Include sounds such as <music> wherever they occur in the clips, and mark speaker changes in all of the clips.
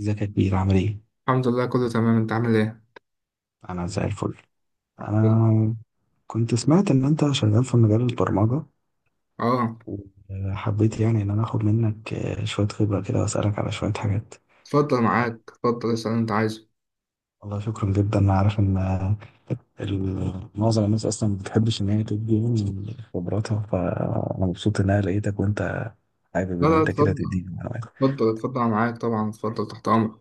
Speaker 1: ازيك يا كبير؟ عامل ايه؟
Speaker 2: الحمد لله كله تمام، انت عامل ايه؟
Speaker 1: انا زي الفل.
Speaker 2: حلو.
Speaker 1: انا كنت سمعت ان انت شغال في مجال البرمجة،
Speaker 2: اه،
Speaker 1: وحبيت يعني ان انا اخد منك شوية خبرة كده واسألك على شوية حاجات.
Speaker 2: اتفضل
Speaker 1: آه،
Speaker 2: معاك، اتفضل اسأل اللي انت عايزه.
Speaker 1: والله شكرا جدا. انا عارف ان معظم الناس اصلا ما بتحبش ان هي تدي من خبراتها، فانا مبسوط ان انا لقيتك وانت حابب
Speaker 2: لا
Speaker 1: ان
Speaker 2: لا،
Speaker 1: انت كده
Speaker 2: اتفضل
Speaker 1: تديني معلومات.
Speaker 2: اتفضل اتفضل، أنا معاك طبعا، اتفضل تحت امرك.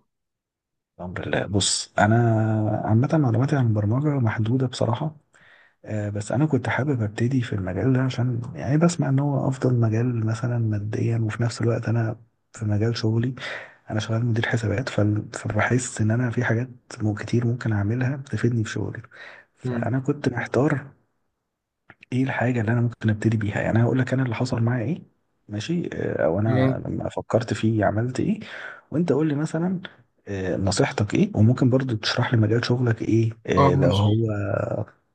Speaker 1: الحمد لله. بص، انا عامة معلوماتي عن البرمجة محدودة بصراحة. بس انا كنت حابب ابتدي في المجال ده، عشان يعني بسمع ان هو افضل مجال مثلا ماديا. وفي نفس الوقت انا في مجال شغلي، انا شغال مدير حسابات، فبحس ان انا في حاجات كتير ممكن اعملها بتفيدني في شغلي.
Speaker 2: مم.
Speaker 1: فانا كنت محتار ايه الحاجة اللي انا ممكن ابتدي بيها. يعني هقول لك انا اللي حصل معايا ايه، ماشي؟ او انا
Speaker 2: تمام.
Speaker 1: لما فكرت فيه عملت ايه، وانت قول لي مثلا نصيحتك ايه، وممكن برضو تشرح لي مجال شغلك ايه
Speaker 2: اه،
Speaker 1: لو
Speaker 2: ماشي.
Speaker 1: هو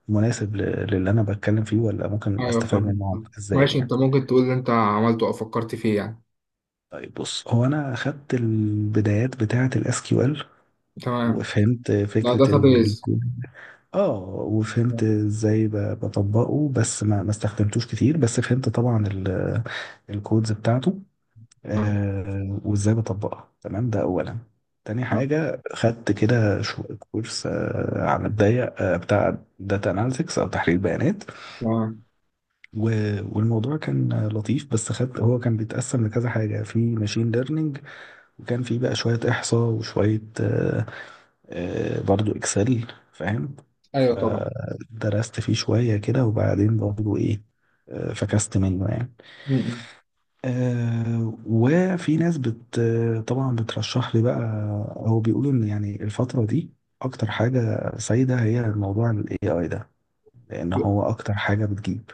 Speaker 1: مناسب للي انا بتكلم فيه، ولا ممكن
Speaker 2: ايوه
Speaker 1: استفاد
Speaker 2: فاهم
Speaker 1: منه
Speaker 2: فاهم.
Speaker 1: ازاي
Speaker 2: ماشي،
Speaker 1: يعني.
Speaker 2: انت ممكن تقول اللي انت عملته او فكرت فيه يعني.
Speaker 1: طيب بص، هو انا خدت البدايات بتاعة الاس كيو ال
Speaker 2: تمام.
Speaker 1: وفهمت
Speaker 2: ده
Speaker 1: فكرة.
Speaker 2: داتابيز.
Speaker 1: اه، وفهمت
Speaker 2: تمام
Speaker 1: ازاي بطبقه، بس ما استخدمتوش كتير، بس فهمت طبعا الكودز بتاعته وازاي بطبقها. تمام، ده اولا. تاني
Speaker 2: تمام
Speaker 1: حاجة خدت كده كورس على الضيق، بتاع داتا اناليتكس او تحليل بيانات.
Speaker 2: تمام.
Speaker 1: والموضوع كان لطيف، بس خدت، هو كان بيتقسم لكذا حاجة. في ماشين ليرنينج، وكان في بقى شوية احصاء، وشوية برضو اكسل، فاهم؟
Speaker 2: ايوه طبعا.
Speaker 1: فدرست فيه شوية كده، وبعدين برضو ايه، فكست منه يعني.
Speaker 2: مم.
Speaker 1: وفي ناس طبعا بترشح لي بقى، او بيقولوا ان يعني الفترة دي اكتر حاجة سايدة هي موضوع ال AI ده، لان
Speaker 2: ال
Speaker 1: هو اكتر حاجة بتجيب.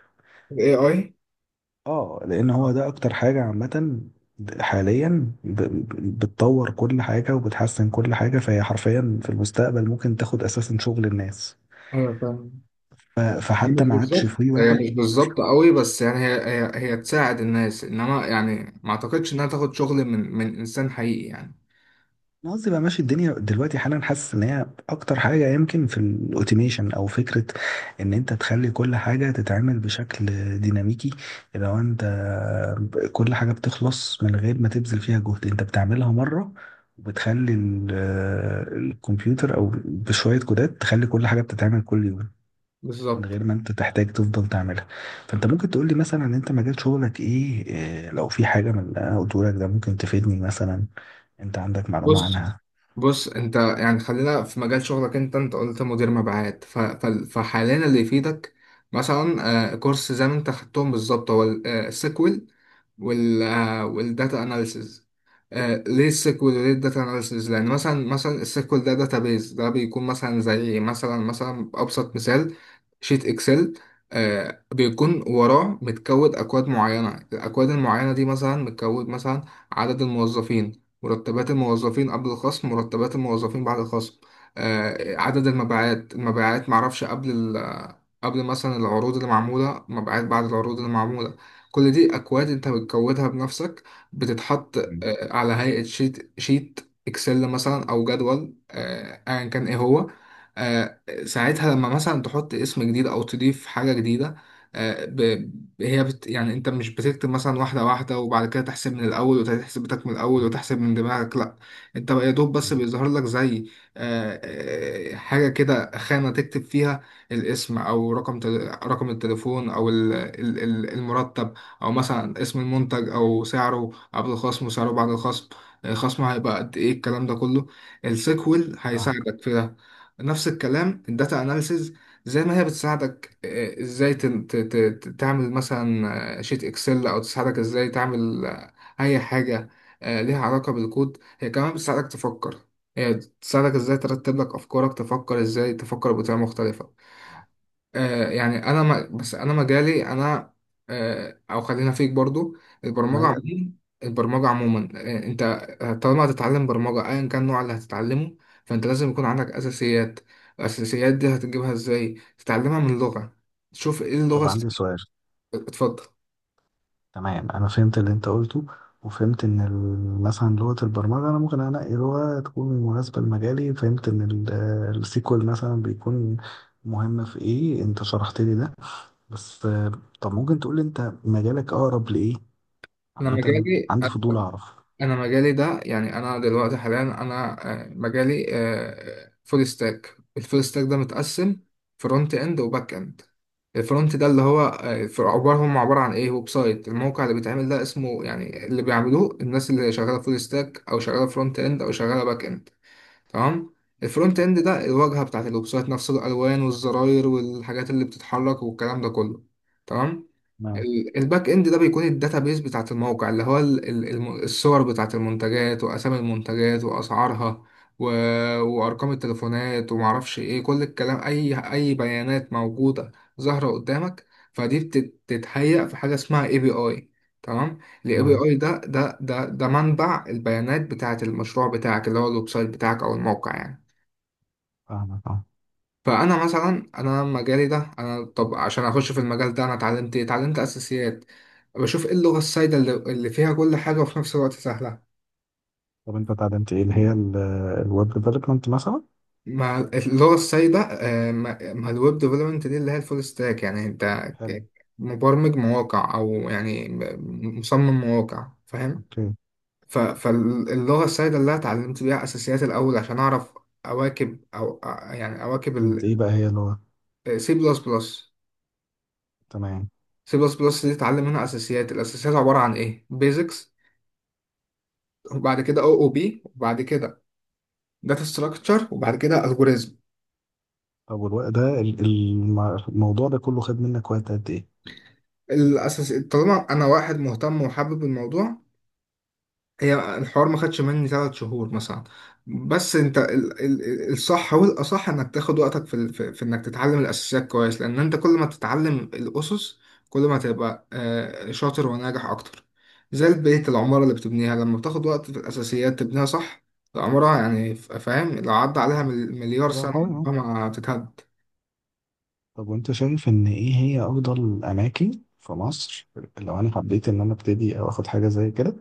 Speaker 2: AI.
Speaker 1: اه، لان
Speaker 2: اه.
Speaker 1: هو ده اكتر حاجة عامة حاليا بتطور كل حاجة وبتحسن كل حاجة، فهي حرفيا في المستقبل ممكن تاخد اساسا شغل الناس.
Speaker 2: ايوه فاهم. هي
Speaker 1: فحتى
Speaker 2: مش
Speaker 1: ما عادش
Speaker 2: بالظبط،
Speaker 1: في
Speaker 2: هي
Speaker 1: واحد.
Speaker 2: مش بالظبط قوي، بس يعني هي تساعد الناس، انما يعني ما اعتقدش انها تاخد شغل من انسان حقيقي يعني.
Speaker 1: انا قصدي بقى، ماشي، الدنيا دلوقتي حالا حاسس ان هي اكتر حاجه، يمكن في الاوتوميشن، او فكره ان انت تخلي كل حاجه تتعمل بشكل ديناميكي. لو انت كل حاجه بتخلص من غير ما تبذل فيها جهد، انت بتعملها مره، وبتخلي الكمبيوتر او بشويه كودات تخلي كل حاجه بتتعمل كل يوم من
Speaker 2: بالظبط.
Speaker 1: غير ما انت تحتاج تفضل تعملها. فانت ممكن تقول لي مثلا انت مجال شغلك ايه، إيه، لو في حاجه من اللي انا قلته لك ده ممكن تفيدني مثلا، انت عندك معلومه
Speaker 2: بص
Speaker 1: عنها؟
Speaker 2: بص، انت يعني خلينا في مجال شغلك، انت قلت مدير مبيعات، فحاليا اللي يفيدك مثلا كورس زي ما انت خدتهم بالظبط هو السيكوال والداتا اناليسز. ليه السيكوال وليه الداتا اناليسز؟ لان مثلا السيكوال ده داتابيز، ده بيكون مثلا زي مثلا ابسط مثال شيت اكسل. بيكون وراه متكود اكواد معينه، الاكواد المعينه دي مثلا متكود مثلا عدد الموظفين، مرتبات الموظفين قبل الخصم، مرتبات الموظفين بعد الخصم، عدد المبيعات، معرفش قبل ال آه، قبل مثلا العروض اللي معموله، مبيعات بعد العروض اللي معموله. كل دي اكواد انت بتكودها بنفسك، بتتحط
Speaker 1: مم.
Speaker 2: على هيئة شيت اكسل مثلا، او جدول ايا كان ايه هو. آه، ساعتها لما مثلا تحط اسم جديد او تضيف حاجة جديدة، آه، ب- هي بت يعني انت مش بتكتب مثلا واحدة واحدة وبعد كده تحسب من الاول، وتحسب بتاعك من الاول، وتحسب من دماغك، لا. انت يا دوب بس
Speaker 1: مم.
Speaker 2: بيظهر لك زي آه، حاجة كده، خانة تكتب فيها الاسم، او رقم التليفون، او المرتب، او مثلا اسم المنتج او سعره قبل الخصم وسعره بعد الخصم، خصمه هيبقى قد ايه، الكلام ده كله السيكوال
Speaker 1: اه.
Speaker 2: هيساعدك في ده. نفس الكلام الداتا اناليسز، زي ما هي بتساعدك ازاي تعمل مثلا شيت اكسل، او تساعدك ازاي تعمل اي حاجة ليها علاقة بالكود، هي كمان بتساعدك تفكر، هي بتساعدك ازاي ترتب لك افكارك، تفكر ازاي، تفكر بطريقة مختلفة.
Speaker 1: اه.
Speaker 2: يعني انا ما بس انا مجالي انا او خلينا فيك برضو. البرمجه
Speaker 1: ما-
Speaker 2: عموما، انت طالما هتتعلم برمجه ايا كان النوع اللي هتتعلمه، فانت لازم يكون عندك اساسيات. الاساسيات دي هتجيبها ازاي؟ تتعلمها من لغه، تشوف ايه اللغه
Speaker 1: طب عندي سؤال.
Speaker 2: اتفضل.
Speaker 1: تمام، انا فهمت اللي انت قلته، وفهمت ان مثلا لغه البرمجه انا ممكن انقي لغه تكون مناسبه لمجالي. فهمت ان السيكوال مثلا بيكون مهم في ايه، انت شرحت لي ده. بس طب ممكن تقول لي انت مجالك اقرب لايه؟
Speaker 2: انا
Speaker 1: عامة
Speaker 2: مجالي
Speaker 1: عندي فضول أعرف.
Speaker 2: انا مجالي ده يعني انا دلوقتي حاليا انا مجالي فول ستاك. الفول ستاك ده متقسم فرونت اند وباك اند. الفرونت ده اللي هو في عباره هم عباره عن ايه؟ ويب سايت، الموقع اللي بيتعمل ده اسمه يعني، اللي بيعملوه الناس اللي شغاله فول ستاك او شغاله فرونت اند او شغاله باك اند. تمام. الفرونت اند ده الواجهه بتاعت الويب سايت نفسه، الالوان والزراير والحاجات اللي بتتحرك والكلام ده كله. تمام.
Speaker 1: نعم.
Speaker 2: الباك اند ده بيكون الداتابيز بتاعت الموقع، اللي هو الصور بتاعت المنتجات واسامي المنتجات واسعارها و... وارقام التليفونات ومعرفش ايه، كل الكلام، اي بيانات موجوده ظاهره قدامك. فدي بتتهيأ في حاجه اسمها اي بي اي. تمام. الاي بي
Speaker 1: نعم،
Speaker 2: اي ده منبع البيانات بتاعت المشروع بتاعك، اللي هو الويب سايت بتاعك او الموقع يعني.
Speaker 1: فاهمك أه.
Speaker 2: فانا مثلا انا مجالي ده، انا طب عشان اخش في المجال ده انا اتعلمت ايه؟ اتعلمت اساسيات. بشوف ايه اللغه السائده اللي فيها كل حاجه وفي نفس الوقت سهله.
Speaker 1: طب أنت اتعلمت إيه؟ اللي هي الويب ديفلوبمنت مثلا؟
Speaker 2: ما اللغه السائده ما الويب ديفلوبمنت دي اللي هي الفول ستاك، يعني انت
Speaker 1: حلو.
Speaker 2: ك- مبرمج مواقع او يعني مصمم مواقع فاهم.
Speaker 1: أوكي.
Speaker 2: فاللغه السائده اللي أنا اتعلمت بيها اساسيات الاول عشان اعرف اواكب، او يعني اواكب
Speaker 1: أنت إيه بقى هي اللغة؟
Speaker 2: السي بلس بلس.
Speaker 1: تمام.
Speaker 2: سي بلس بلس دي تتعلم منها اساسيات، الاساسيات عباره عن ايه؟ بيزكس، وبعد كده او او بي، وبعد كده داتا ستراكشر، وبعد كده الجوريزم.
Speaker 1: طب والوقت ده، الموضوع ده كله خد منك وقت قد إيه؟
Speaker 2: الاساس طالما انا واحد مهتم وحابب الموضوع، هي الحوار ما خدش مني 3 شهور مثلا، بس انت الصح والاصح انك تاخد وقتك في انك تتعلم الاساسيات كويس، لان انت كل ما تتعلم الاسس كل ما تبقى شاطر وناجح اكتر. زي البيت، العمارة اللي بتبنيها لما بتاخد وقت في الاساسيات تبنيها صح، العمارة يعني، فاهم، لو عدى عليها مليار
Speaker 1: بقى
Speaker 2: سنة
Speaker 1: خالص أهو.
Speaker 2: عمرها ما هتتهد.
Speaker 1: طب وأنت شايف إن إيه هي أفضل أماكن في مصر، لو أنا حبيت إن أنا أبتدي أو آخد حاجة زي كده،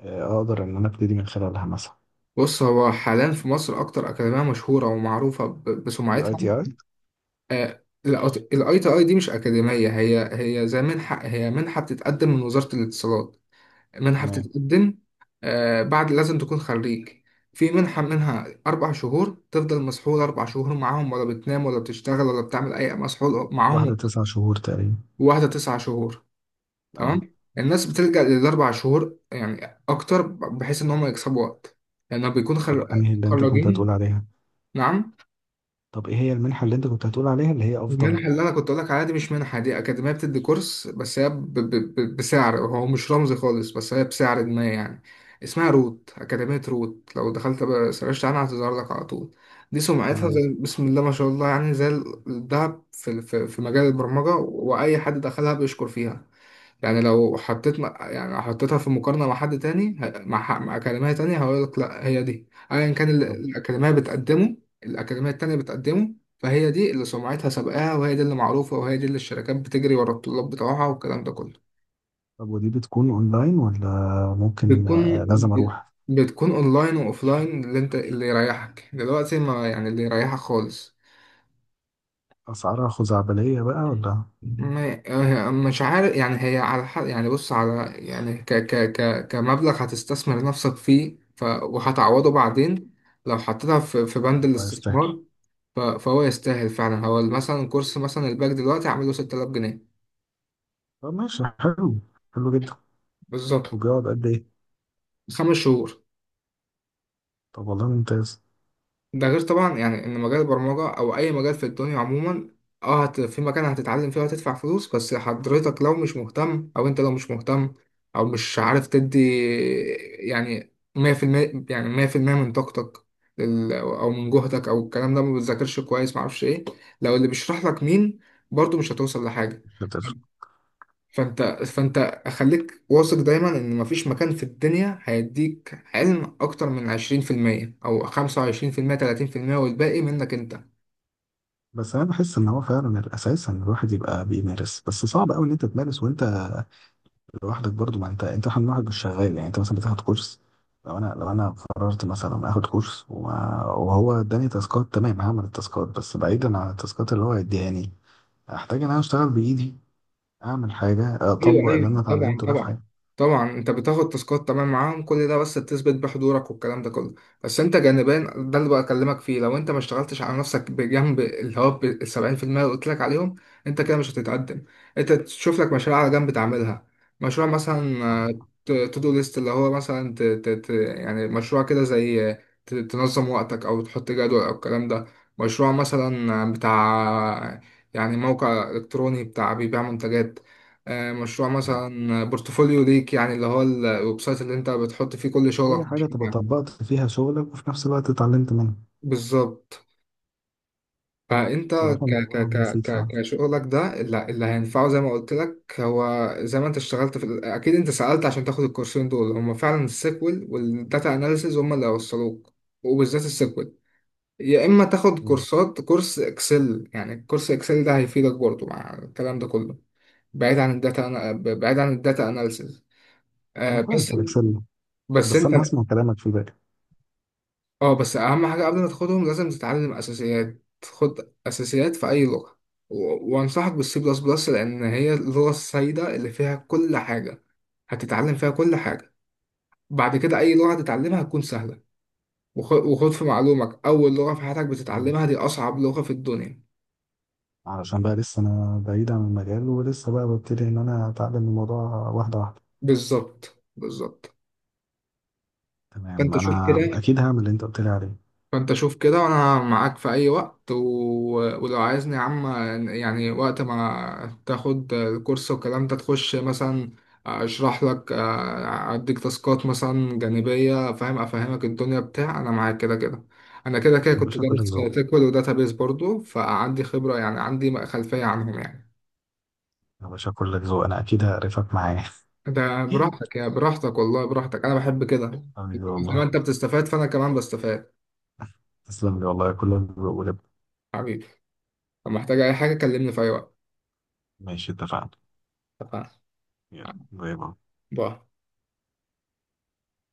Speaker 1: أقدر إن أنا أبتدي من خلالها مثلا؟
Speaker 2: بص هو حاليا في مصر اكتر اكاديمية مشهورة ومعروفة
Speaker 1: الأي
Speaker 2: بسمعتها.
Speaker 1: تي أي.
Speaker 2: آه، الاي تي اي دي مش اكاديميه هي، هي زي منحه، هي منحه بتتقدم من وزاره الاتصالات، منحه
Speaker 1: تمام.
Speaker 2: بتتقدم بعد لازم تكون خريج. في منحه منها 4 شهور، تفضل مسحول 4 شهور معاهم ولا بتنام ولا بتشتغل ولا بتعمل اي مسحول
Speaker 1: واحدة
Speaker 2: معاهم،
Speaker 1: تسع شهور تقريبا.
Speaker 2: واحده 9 شهور.
Speaker 1: أه.
Speaker 2: تمام. الناس بتلجأ للـ4 شهور يعني اكتر بحيث ان هم يكسبوا وقت، لانه بيكون
Speaker 1: طب أنهي اللي أنت كنت
Speaker 2: متخرجين.
Speaker 1: هتقول عليها؟ طب ايه هي المنحة اللي انت كنت هتقول عليها اللي هي افضل؟
Speaker 2: المنحة اللي أنا كنت أقول لك عليها دي مش منحة، دي أكاديمية بتدي كورس بس، هي بسعر هو مش رمزي خالص، بس هي بسعر ما يعني. اسمها روت، أكاديمية روت، لو دخلت بقى سرشت عنها هتظهر لك على طول. دي سمعتها
Speaker 1: تمام.
Speaker 2: زي بسم الله ما شاء الله يعني، زي الذهب في مجال البرمجة، وأي حد دخلها بيشكر فيها. يعني لو حطيت يعني لو حطيتها في مقارنة مع حد تاني مع أكاديمية تانية، هقول لك لا هي دي أيا كان اللي
Speaker 1: طب.
Speaker 2: الأكاديمية بتقدمه، الأكاديمية التانية بتقدمه، فهي دي اللي سمعتها سابقاها، وهي دي اللي معروفة، وهي دي اللي الشركات بتجري ورا الطلاب بتوعها والكلام ده كله.
Speaker 1: طب ودي بتكون اونلاين، ولا ممكن
Speaker 2: بتكون
Speaker 1: لازم
Speaker 2: بت-
Speaker 1: اروح؟
Speaker 2: بتكون أونلاين وأوفلاين، اللي أنت اللي يريحك، دلوقتي ما يعني اللي يريحك خالص.
Speaker 1: اسعارها خزعبلية بقى ولا؟
Speaker 2: ما- مش عارف يعني، هي على حق يعني، بص على يعني ك ك ك كمبلغ هتستثمر نفسك فيه، وهتعوضه بعدين لو حطيتها في بند
Speaker 1: ولا يستاهل؟
Speaker 2: الاستثمار، فهو يستاهل فعلا. هو مثلا كورس مثلا الباك دلوقتي عامله 6000 جنيه.
Speaker 1: طب ماشي، حلو. حلو جدا.
Speaker 2: بالظبط.
Speaker 1: وبيقعد قد ايه؟
Speaker 2: 5 شهور.
Speaker 1: طب والله ممتاز.
Speaker 2: ده غير طبعا يعني ان مجال البرمجه او اي مجال في الدنيا عموما، اه في مكان هتتعلم فيه وهتدفع فلوس، بس حضرتك لو مش مهتم او انت لو مش مهتم او مش عارف تدي يعني 100%، يعني 100% من طاقتك او من جهدك او الكلام ده، ما بتذاكرش كويس، ما اعرفش ايه، لو اللي بيشرح لك مين، برضو مش هتوصل لحاجه.
Speaker 1: مش هتفرق.
Speaker 2: فانت خليك واثق دايما ان مفيش مكان في الدنيا هيديك علم اكتر من 20% او 25% 30%، والباقي منك انت.
Speaker 1: بس انا بحس ان هو فعلا الاساس ان الواحد يبقى بيمارس، بس صعب قوي ان انت تمارس وانت لوحدك. برضو ما انت، احنا لوحدك مش شغال يعني. انت مثلا بتاخد كورس، لو انا قررت مثلا اخد كورس وهو اداني تاسكات، تمام، هعمل التاسكات. بس بعيدا عن التاسكات اللي هو اديهاني، احتاج ان انا اشتغل بايدي، اعمل حاجه،
Speaker 2: ايوه
Speaker 1: اطبق اللي انا
Speaker 2: ايوه طبعا
Speaker 1: اتعلمته ده في
Speaker 2: طبعا
Speaker 1: حياتي.
Speaker 2: طبعا. انت بتاخد تاسكات تمام معاهم كل ده، بس تثبت بحضورك والكلام ده كله، بس انت جانبيا ده اللي بكلمك فيه، لو انت ما اشتغلتش على نفسك بجنب اللي هو ال 70%، اللي قلت لك عليهم، انت كده مش هتتقدم. انت تشوف لك مشاريع على جنب تعملها، مشروع مثلا تو دو ليست، اللي هو مثلا ت ت ت يعني مشروع كده زي تنظم وقتك، او تحط جدول او الكلام ده. مشروع مثلا بتاع يعني موقع الكتروني بتاع بيبيع منتجات، مشروع مثلا بورتفوليو ليك يعني اللي هو الويب سايت اللي انت بتحط فيه كل
Speaker 1: اي
Speaker 2: شغلك
Speaker 1: حاجه تبقى
Speaker 2: وكده.
Speaker 1: طبقت فيها شغلك وفي نفس الوقت اتعلمت منها.
Speaker 2: بالظبط. فانت
Speaker 1: بصراحه
Speaker 2: ك
Speaker 1: الموضوع
Speaker 2: ك ك
Speaker 1: مفيد
Speaker 2: ك
Speaker 1: فعلا.
Speaker 2: كشغلك ده اللي هينفعه زي ما قلت لك، هو زي ما انت اشتغلت في اكيد انت سألت عشان تاخد الكورسين دول، هم فعلا السيكوال والداتا اناليسيز هم اللي هيوصلوك، وبالذات السيكوال. يا اما تاخد
Speaker 1: مم.
Speaker 2: كورس اكسل، يعني كورس اكسل ده هيفيدك برضه مع الكلام ده كله. بعيد عن الداتا اناليسيز.
Speaker 1: انا كويس
Speaker 2: بس،
Speaker 1: في الاكسل،
Speaker 2: بس
Speaker 1: بس
Speaker 2: انت،
Speaker 1: انا هسمع كلامك في بالي.
Speaker 2: اه بس اهم حاجه قبل ما تاخدهم لازم تتعلم اساسيات، خد اساسيات في اي لغه، وانصحك بالسي بلس بلس لان هي اللغه السائده اللي فيها كل حاجه، هتتعلم فيها كل حاجه، بعد كده اي لغه هتتعلمها هتكون سهله. وخد في معلومك اول لغه في حياتك بتتعلمها دي اصعب لغه في الدنيا.
Speaker 1: علشان بقى لسه انا بعيد عن المجال، ولسه بقى ببتدي ان انا اتعلم الموضوع واحده واحده.
Speaker 2: بالظبط بالظبط.
Speaker 1: تمام
Speaker 2: فانت شوف
Speaker 1: انا
Speaker 2: كده،
Speaker 1: اكيد هعمل اللي انت قلت لي عليه.
Speaker 2: فانت شوف كده، وانا معاك في اي وقت ولو عايزني يا عم، يعني وقت ما تاخد الكورس والكلام ده تخش مثلا اشرح لك اديك تاسكات مثلا جانبية فاهم، افهمك الدنيا بتاع، انا معاك كده كده، انا كده كده
Speaker 1: يا
Speaker 2: كنت
Speaker 1: باشا
Speaker 2: دارس
Speaker 1: كلك ذوق.
Speaker 2: تكوين وداتابيس برضو، فعندي خبرة، يعني عندي خلفية عنهم يعني.
Speaker 1: يا باشا كلك ذوق، انا اكيد هقرفك معايا <laughs>
Speaker 2: ده براحتك يا براحتك، والله براحتك، انا بحب كده،
Speaker 1: حبيبي
Speaker 2: زي ما
Speaker 1: والله.
Speaker 2: انت بتستفاد فانا كمان بستفاد.
Speaker 1: تسلم لي والله، كلك ذوق ولب.
Speaker 2: حبيبي، لو محتاج اي حاجة كلمني في اي وقت.
Speaker 1: ماشي، اتفقنا.
Speaker 2: اتفقنا.
Speaker 1: يلا، باي باي.
Speaker 2: باي.